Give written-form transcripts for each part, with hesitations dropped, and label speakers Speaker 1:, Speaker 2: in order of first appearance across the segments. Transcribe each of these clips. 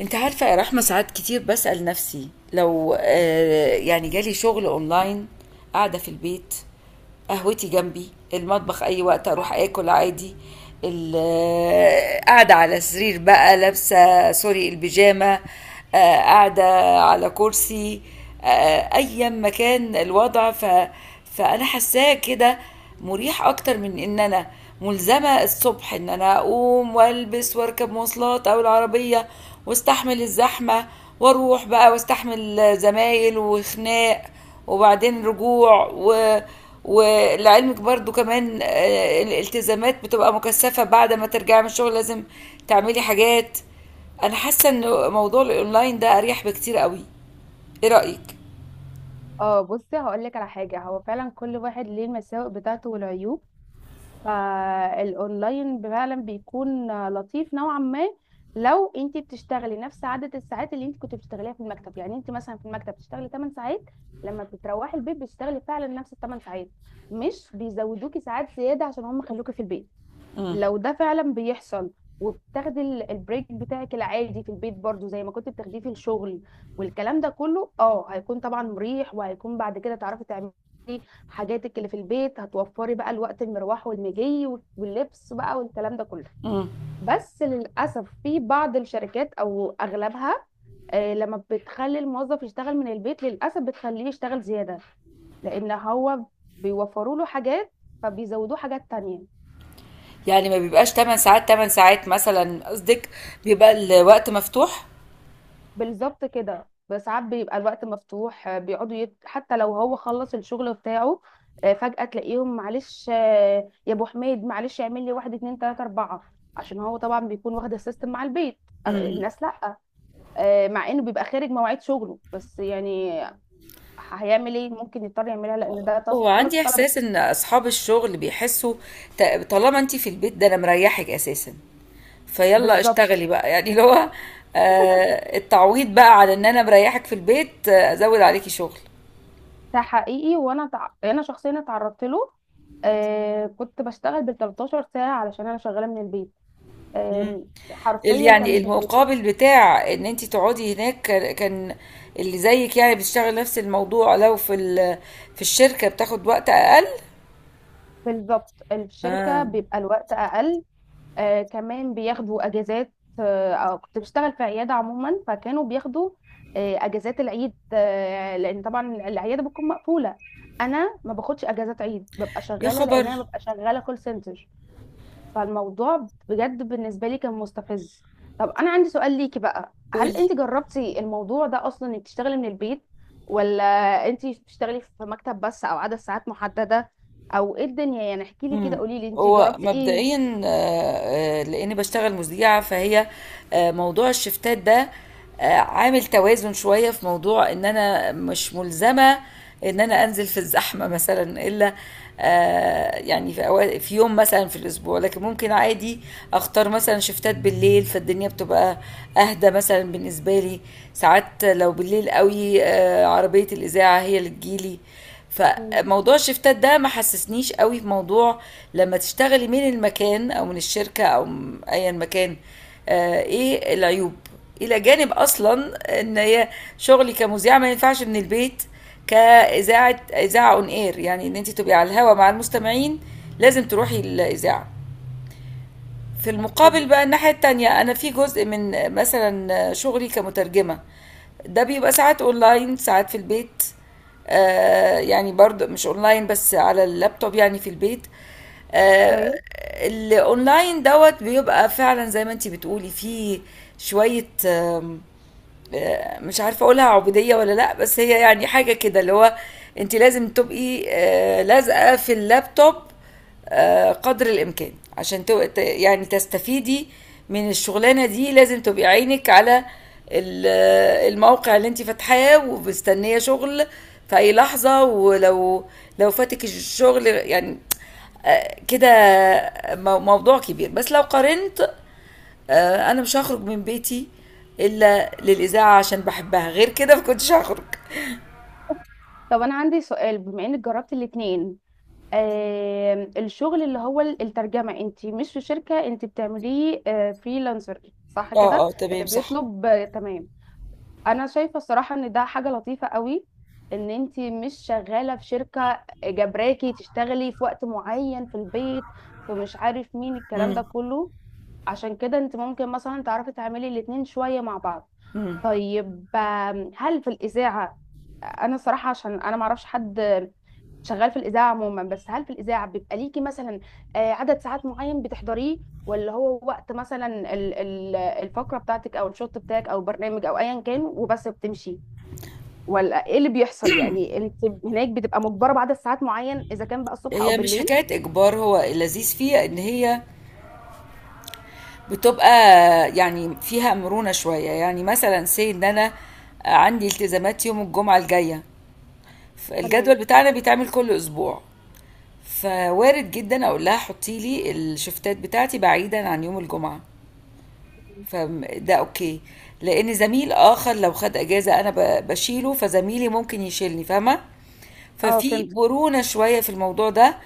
Speaker 1: انت عارفة يا رحمة، ساعات كتير بسأل نفسي لو يعني جالي شغل اونلاين، قاعدة في البيت، قهوتي جنبي المطبخ، اي وقت اروح اكل عادي. قاعدة على سرير بقى لابسة سوري البيجامة، قاعدة على كرسي، أيا مكان الوضع فأنا حاساه كده مريح أكتر من إن أنا ملزمة الصبح إن أنا أقوم وألبس وأركب مواصلات أو العربية واستحمل الزحمة واروح بقى واستحمل زمايل وخناق وبعدين رجوع. ولعلمك برضو كمان الالتزامات بتبقى مكثفة، بعد ما ترجعي من الشغل لازم تعملي حاجات. انا حاسه ان موضوع الاونلاين ده اريح بكتير قوي. ايه رايك؟
Speaker 2: اه، بصي هقول لك على حاجه. هو فعلا كل واحد ليه المساوئ بتاعته والعيوب. فالاونلاين فعلا بيكون لطيف نوعا ما. لو انت بتشتغلي نفس عدد الساعات اللي انت كنت بتشتغليها في المكتب، يعني انت مثلا في المكتب بتشتغلي 8 ساعات، لما بتروحي البيت بتشتغلي فعلا نفس ال 8 ساعات، مش بيزودوكي ساعات زياده عشان هم خلوكي في البيت.
Speaker 1: امم.
Speaker 2: لو ده فعلا بيحصل، وبتاخدي البريك بتاعك العادي في البيت برضو زي ما كنت بتاخديه في الشغل، والكلام ده كله هيكون طبعا مريح، وهيكون بعد كده تعرفي تعملي حاجاتك اللي في البيت. هتوفري بقى الوقت المروح والمجي واللبس بقى والكلام ده كله.
Speaker 1: امم.
Speaker 2: بس للأسف في بعض الشركات أو أغلبها، لما بتخلي الموظف يشتغل من البيت للأسف بتخليه يشتغل زيادة، لأن هو بيوفروا له حاجات فبيزودوه حاجات تانية.
Speaker 1: يعني ما بيبقاش 8 ساعات 8 ساعات مثلا قصدك، بيبقى الوقت مفتوح.
Speaker 2: بالظبط كده. ساعات بيبقى الوقت مفتوح، بيقعدوا حتى لو هو خلص الشغل بتاعه، فجأة تلاقيهم معلش، يا ابو حميد معلش اعمل لي واحد اتنين تلاتة اربعة، عشان هو طبعا بيكون واخد السيستم مع البيت.
Speaker 1: امم.
Speaker 2: الناس لأ. مع انه بيبقى خارج مواعيد شغله بس يعني هيعمل ايه؟ ممكن يضطر يعملها لان ده
Speaker 1: هو
Speaker 2: تاسك خلاص
Speaker 1: عندي
Speaker 2: اتطلبت.
Speaker 1: احساس ان اصحاب الشغل بيحسوا طالما انت في البيت ده انا مريحك اساسا، فيلا
Speaker 2: بالظبط.
Speaker 1: اشتغلي بقى يعني اللي هو التعويض بقى على ان انا مريحك في البيت، ازود عليكي شغل.
Speaker 2: ده حقيقي. وانا انا شخصيا اتعرضت له. كنت بشتغل بال 13 ساعة علشان انا شغالة من البيت.
Speaker 1: مم.
Speaker 2: حرفيا
Speaker 1: يعني
Speaker 2: كان.
Speaker 1: المقابل بتاع ان انت تقعدي هناك كان اللي زيك يعني بيشتغل نفس الموضوع، لو في في الشركة بتاخد وقت اقل.
Speaker 2: بالظبط الشركة
Speaker 1: اه.
Speaker 2: بيبقى الوقت أقل. كمان بياخدوا أجازات، أو كنت بشتغل في عيادة عموما فكانوا بياخدوا أجازات العيد، لأن طبعا العيادة بتكون مقفولة. أنا ما باخدش أجازات عيد، ببقى
Speaker 1: يا
Speaker 2: شغالة
Speaker 1: خبر.
Speaker 2: لأن أنا ببقى شغالة كول سنتر. فالموضوع بجد بالنسبة لي كان مستفز. طب أنا عندي سؤال ليكي بقى، هل
Speaker 1: قولي.
Speaker 2: أنت جربتي الموضوع ده أصلا، إنك تشتغلي من البيت، ولا أنت بتشتغلي في مكتب بس أو عدد ساعات محددة، أو إيه الدنيا؟ يعني احكي لي كده،
Speaker 1: امم.
Speaker 2: قولي لي أنت
Speaker 1: هو
Speaker 2: جربتي إيه.
Speaker 1: مبدئيا لاني بشتغل مذيعه، فهي موضوع الشفتات ده عامل توازن شويه في موضوع ان انا مش ملزمه ان انا انزل في الزحمه مثلا الا يعني في في يوم مثلا في الاسبوع، لكن ممكن عادي اختار مثلا شفتات بالليل، فالدنيا بتبقى اهدى مثلا بالنسبه لي. ساعات لو بالليل قوي عربيه الاذاعه هي اللي تجيلي،
Speaker 2: مم.
Speaker 1: فموضوع الشفتات ده ما حسسنيش قوي في موضوع لما تشتغلي من المكان او من الشركه او ايا مكان. ايه العيوب؟ الى جانب اصلا ان هي شغلي كمذيعه ما ينفعش من البيت، اذاعه اون اير، يعني ان انت تبقي على الهوا مع المستمعين لازم تروحي الاذاعه. في المقابل بقى الناحية التانية، أنا في جزء من مثلا شغلي كمترجمة ده بيبقى ساعات أونلاين، ساعات في البيت. آه، يعني برضه مش أونلاين بس، على اللابتوب يعني في البيت.
Speaker 2: اوكي.
Speaker 1: آه. الأونلاين دوت بيبقى فعلا زي ما انتي بتقولي فيه شوية آم، آه، مش عارفه اقولها عبوديه ولا لا، بس هي يعني حاجه كده اللي هو انت لازم تبقي لازقه في اللابتوب قدر الامكان عشان يعني تستفيدي من الشغلانه دي، لازم تبقي عينك على الموقع اللي انت فاتحاه ومستنيه شغل في اي لحظه، ولو لو فاتك الشغل يعني موضوع كبير. بس لو قارنت، انا مش هخرج من بيتي الا للاذاعه عشان بحبها، غير كده ما كنتش هخرج.
Speaker 2: طب أنا عندي سؤال، بما إنك جربتي الاتنين، الشغل اللي هو الترجمة، أنت مش في شركة، أنت بتعمليه فريلانسر، صح
Speaker 1: اه
Speaker 2: كده؟
Speaker 1: اه
Speaker 2: اللي
Speaker 1: تمام صح.
Speaker 2: بيطلب، تمام. انا شايفه الصراحه ان ده حاجه لطيفه قوي، ان انت مش شغاله في شركه جبراكي تشتغلي في وقت معين في البيت، فمش عارف مين الكلام
Speaker 1: امم.
Speaker 2: ده كله. عشان كده انت ممكن مثلا تعرفي تعملي الاتنين شويه مع بعض.
Speaker 1: امم.
Speaker 2: طيب، هل في الإذاعة، أنا صراحة عشان أنا معرفش حد شغال في الإذاعة عموما، بس هل في الإذاعة بيبقى ليكي مثلا، عدد ساعات معين بتحضريه، ولا هو وقت مثلا الفقرة بتاعتك أو الشوط بتاعك أو البرنامج أو أيا كان وبس بتمشي؟ ولا إيه اللي بيحصل؟ يعني أنت هناك بتبقى مجبرة بعدد ساعات معين إذا كان بقى الصبح أو
Speaker 1: هي مش
Speaker 2: بالليل.
Speaker 1: حكايه اجبار، هو اللذيذ فيها ان هي بتبقى يعني فيها مرونه شويه، يعني مثلا سي ان انا عندي التزامات يوم الجمعه الجايه، فالجدول
Speaker 2: تمام.
Speaker 1: بتاعنا بيتعمل كل اسبوع، فوارد جدا اقول لها حطي لي الشفتات بتاعتي بعيدا عن يوم الجمعه، فده اوكي. لان زميل اخر لو خد اجازه انا بشيله، فزميلي ممكن يشيلني، فاهمه؟
Speaker 2: اه،
Speaker 1: ففي
Speaker 2: فهمت.
Speaker 1: مرونه شويه في الموضوع ده.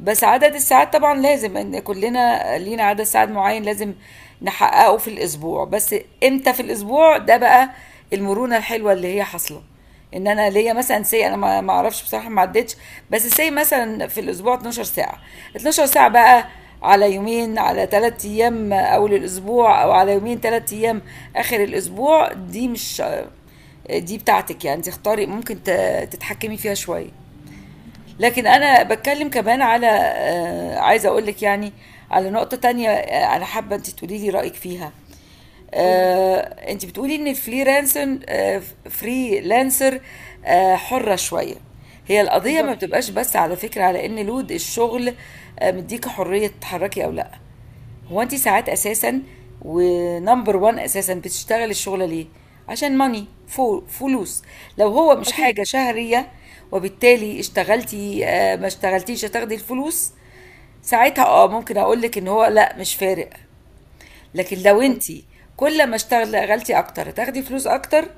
Speaker 1: بس عدد الساعات طبعا لازم، ان كلنا لينا عدد ساعات معين لازم نحققه في الاسبوع، بس امتى في الاسبوع ده بقى، المرونه الحلوه اللي هي حاصله ان انا ليا مثلا سي انا ما اعرفش بصراحه ما عدتش، بس سي مثلا في الاسبوع 12 ساعه. 12 ساعه بقى على يومين، على ثلاث ايام اول الاسبوع، او على يومين ثلاث ايام اخر الاسبوع، دي مش دي بتاعتك، يعني انت اختاري ممكن تتحكمي فيها شويه. لكن انا بتكلم كمان على عايزه اقول لك يعني على نقطه تانية، انا حابه انت تقولي لي رايك فيها.
Speaker 2: قولي.
Speaker 1: آه. انت بتقولي ان الفريلانسر آه، فريلانسر آه، حره شويه، هي القضيه ما
Speaker 2: بالظبط.
Speaker 1: بتبقاش بس على فكره على ان لود الشغل مديك حريه تتحركي او لا، هو انت ساعات اساسا ونمبر 1 اساسا بتشتغل الشغله ليه؟ عشان ماني، فلوس. لو هو مش
Speaker 2: أكيد.
Speaker 1: حاجه شهريه وبالتالي اشتغلتي ما اشتغلتيش هتاخدي الفلوس، ساعتها اه ممكن اقول لك ان هو لا مش فارق. لكن لو انت كل ما اشتغلتي اكتر هتاخدي فلوس اكتر،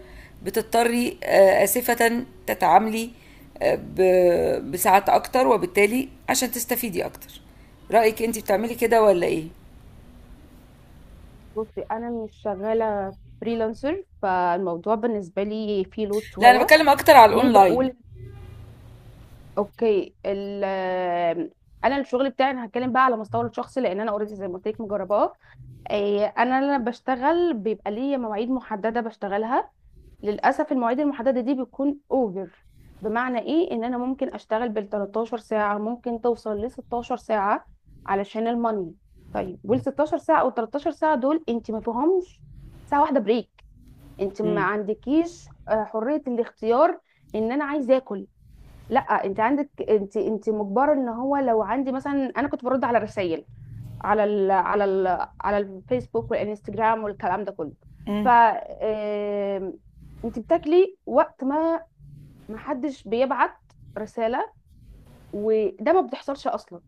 Speaker 1: بتضطري آه، اسفه تتعاملي بساعات اكتر، وبالتالي عشان تستفيدي اكتر. رايك انت بتعملي كده ولا ايه؟
Speaker 2: بصي انا مش شغاله فريلانسر، فالموضوع بالنسبه لي فيه لود
Speaker 1: لا انا
Speaker 2: شويه.
Speaker 1: بتكلم اكتر على
Speaker 2: ليه
Speaker 1: الاونلاين.
Speaker 2: بقول اوكي ال، انا الشغل بتاعي، انا هتكلم بقى على مستوى الشخصي لان انا اوريدي زي ما قلت لك مجرباه. إيه، انا لما بشتغل بيبقى ليا مواعيد محدده بشتغلها. للاسف المواعيد المحدده دي بتكون اوفر. بمعنى ايه؟ ان انا ممكن اشتغل بال 13 ساعه، ممكن توصل ل 16 ساعه علشان الماني. طيب وال 16 ساعه او 13 ساعه دول انت ما فيهمش ساعه واحده بريك، انت ما
Speaker 1: مم.
Speaker 2: عندكيش حرية الاختيار ان انا عايزه اكل. لا انت عندك، انت مجبرة ان هو لو عندي مثلا، انا كنت برد على الرسائل، على ال على ال على الفيسبوك والانستجرام والكلام ده كله. ف
Speaker 1: مم.
Speaker 2: انت بتاكلي وقت ما ما حدش بيبعت رسالة، وده ما بتحصلش اصلا.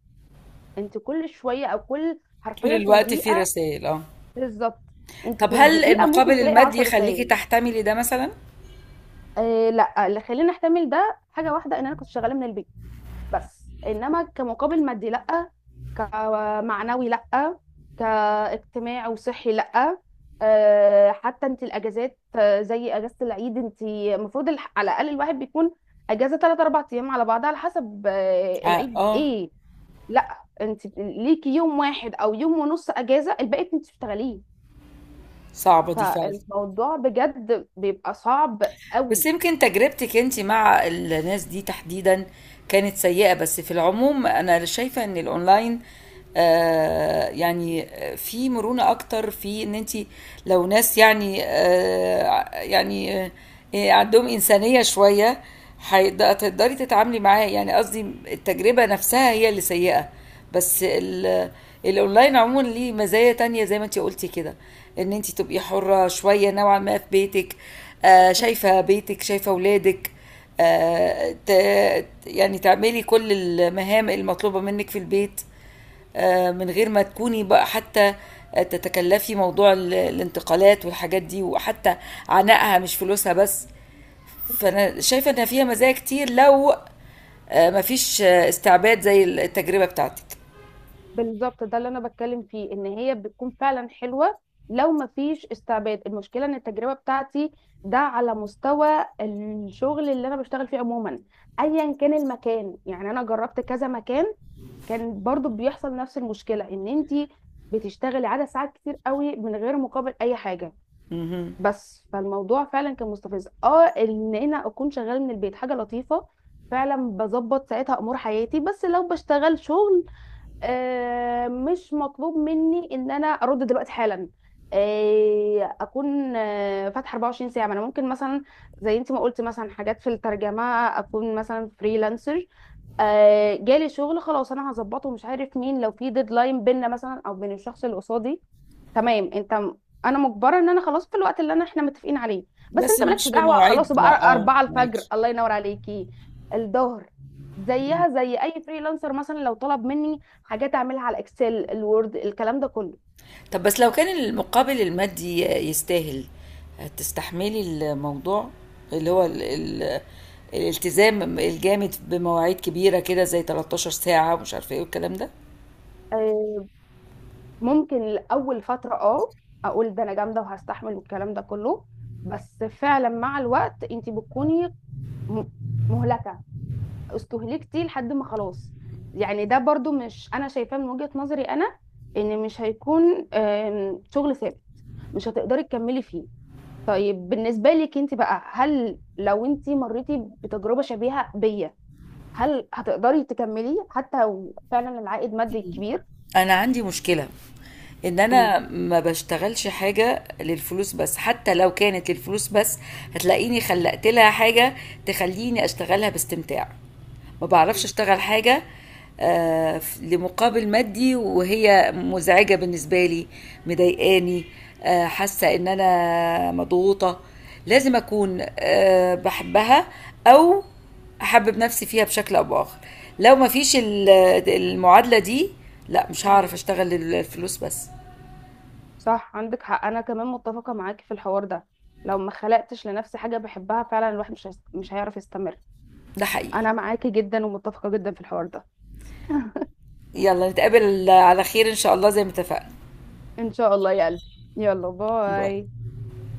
Speaker 2: انت كل شوية، او كل
Speaker 1: طول
Speaker 2: حرفيا في
Speaker 1: الوقت في
Speaker 2: الدقيقة.
Speaker 1: رسائل اه.
Speaker 2: بالظبط. انت
Speaker 1: طب
Speaker 2: في
Speaker 1: هل
Speaker 2: الدقيقة ممكن
Speaker 1: المقابل
Speaker 2: تلاقي
Speaker 1: المادي
Speaker 2: 10
Speaker 1: يخليكي
Speaker 2: رسائل.
Speaker 1: تحتملي ده مثلا؟
Speaker 2: لا، اللي خليني احتمل ده حاجه واحده ان انا كنت شغاله من البيت، بس انما كمقابل مادي لا، كمعنوي لا، كاجتماعي وصحي لا. حتى انت الاجازات، زي اجازه العيد انت المفروض على الاقل الواحد بيكون اجازه 3 4 ايام على بعضها على حسب
Speaker 1: اه
Speaker 2: العيد
Speaker 1: آه.
Speaker 2: ايه. لا، انت ليكي يوم واحد او يوم ونص اجازه، الباقي انت بتشتغليه.
Speaker 1: صعبة دي فعلا.
Speaker 2: فالموضوع بجد بيبقى صعب
Speaker 1: بس
Speaker 2: قوي.
Speaker 1: يمكن تجربتك انت مع الناس دي تحديدا كانت سيئة، بس في العموم انا شايفة ان الاونلاين يعني في مرونة اكتر في ان انت لو ناس عندهم انسانية شوية هيقد- هتقدري تتعاملي معاه، يعني قصدي التجربة نفسها هي اللي سيئة. بس ال الأونلاين عمومًا ليه مزايا تانية زي ما أنتِ قُلتِ كده، إن أنتِ تبقي حُرّة شوية نوعًا ما في بيتِك، شايفة بيتِك، شايفة ولادِك، ت يعني تعملي كل المهام المطلوبة منِّك في البيت، من غير ما تكوني بقى حتى تتكلّفي موضوع الانتقالات والحاجات دي، وحتى عناءها مش فلوسها بس، فأنا شايفة إن فيها مزايا كتير لو ما فيش استعباد زي التجربة بتاعتِك.
Speaker 2: بالظبط ده اللي انا بتكلم فيه، ان هي بتكون فعلا حلوه لو ما فيش استعباد. المشكله ان التجربه بتاعتي، ده على مستوى الشغل اللي انا بشتغل فيه عموما، ايا كان المكان، يعني انا جربت كذا مكان كان برضو بيحصل نفس المشكله، ان انت بتشتغلي عدد ساعات كتير قوي من غير مقابل اي حاجه.
Speaker 1: اهم.
Speaker 2: بس فالموضوع فعلا كان مستفز، ان انا اكون شغاله من البيت حاجه لطيفه، فعلا بظبط ساعتها امور حياتي، بس لو بشتغل شغل مش مطلوب مني ان انا ارد دلوقتي حالا، اكون فاتحه 24 ساعه. ما انا ممكن مثلا زي انت ما قلت مثلا حاجات في الترجمه، اكون مثلا فريلانسر، جالي شغل خلاص، انا هظبطه مش عارف مين، لو في ديدلاين بينا مثلا او بين الشخص اللي قصادي، تمام. انت انا مجبره ان انا خلاص في الوقت اللي انا احنا متفقين عليه، بس
Speaker 1: بس
Speaker 2: انت مالكش
Speaker 1: مش في
Speaker 2: دعوه خلاص
Speaker 1: مواعيد ما
Speaker 2: بقى.
Speaker 1: اه
Speaker 2: 4 الفجر
Speaker 1: معاكي.
Speaker 2: الله ينور عليكي، الظهر، زيها زي اي فريلانسر مثلا لو طلب مني حاجات اعملها على الاكسل الوورد الكلام ده كله.
Speaker 1: طب بس لو كان المقابل المادي يستاهل تستحملي الموضوع اللي هو ال الالتزام الجامد بمواعيد كبيرة كده زي 13 ساعة ومش عارفة ايه والكلام ده.
Speaker 2: آه، ممكن لاول فتره اقول ده انا جامده وهستحمل والكلام ده كله، بس فعلا مع الوقت انت بتكوني م- مهلكه، استهلكتي لحد ما خلاص. يعني ده برضو مش انا شايفاه، من وجهة نظري انا ان مش هيكون شغل ثابت، مش هتقدري تكملي فيه. طيب بالنسبة لك انت بقى، هل لو انت مريتي بتجربة شبيهة بيا هل هتقدري تكملي حتى لو فعلا العائد مادي كبير؟
Speaker 1: انا عندي مشكلة ان
Speaker 2: قولي.
Speaker 1: انا ما بشتغلش حاجه للفلوس بس، حتى لو كانت للفلوس بس هتلاقيني خلقت لها حاجه تخليني اشتغلها باستمتاع. ما
Speaker 2: مم.
Speaker 1: بعرفش اشتغل حاجه لمقابل مادي وهي مزعجه بالنسبه لي، مضايقاني، حاسه ان انا مضغوطه. لازم اكون بحبها او احبب نفسي فيها بشكل او باخر، لو ما فيش المعادله دي لا، مش
Speaker 2: مم.
Speaker 1: هعرف اشتغل الفلوس بس.
Speaker 2: صح، عندك حق. انا كمان متفقة معاكي في الحوار ده. لو ما خلقتش لنفسي حاجة بحبها فعلا الواحد مش هيعرف يستمر.
Speaker 1: ده حقيقي.
Speaker 2: انا معاكي جدا ومتفقة جدا في الحوار ده.
Speaker 1: يلا نتقابل على خير إن شاء الله زي ما اتفقنا.
Speaker 2: ان شاء الله يا قلبي. يلا
Speaker 1: باي.
Speaker 2: باي.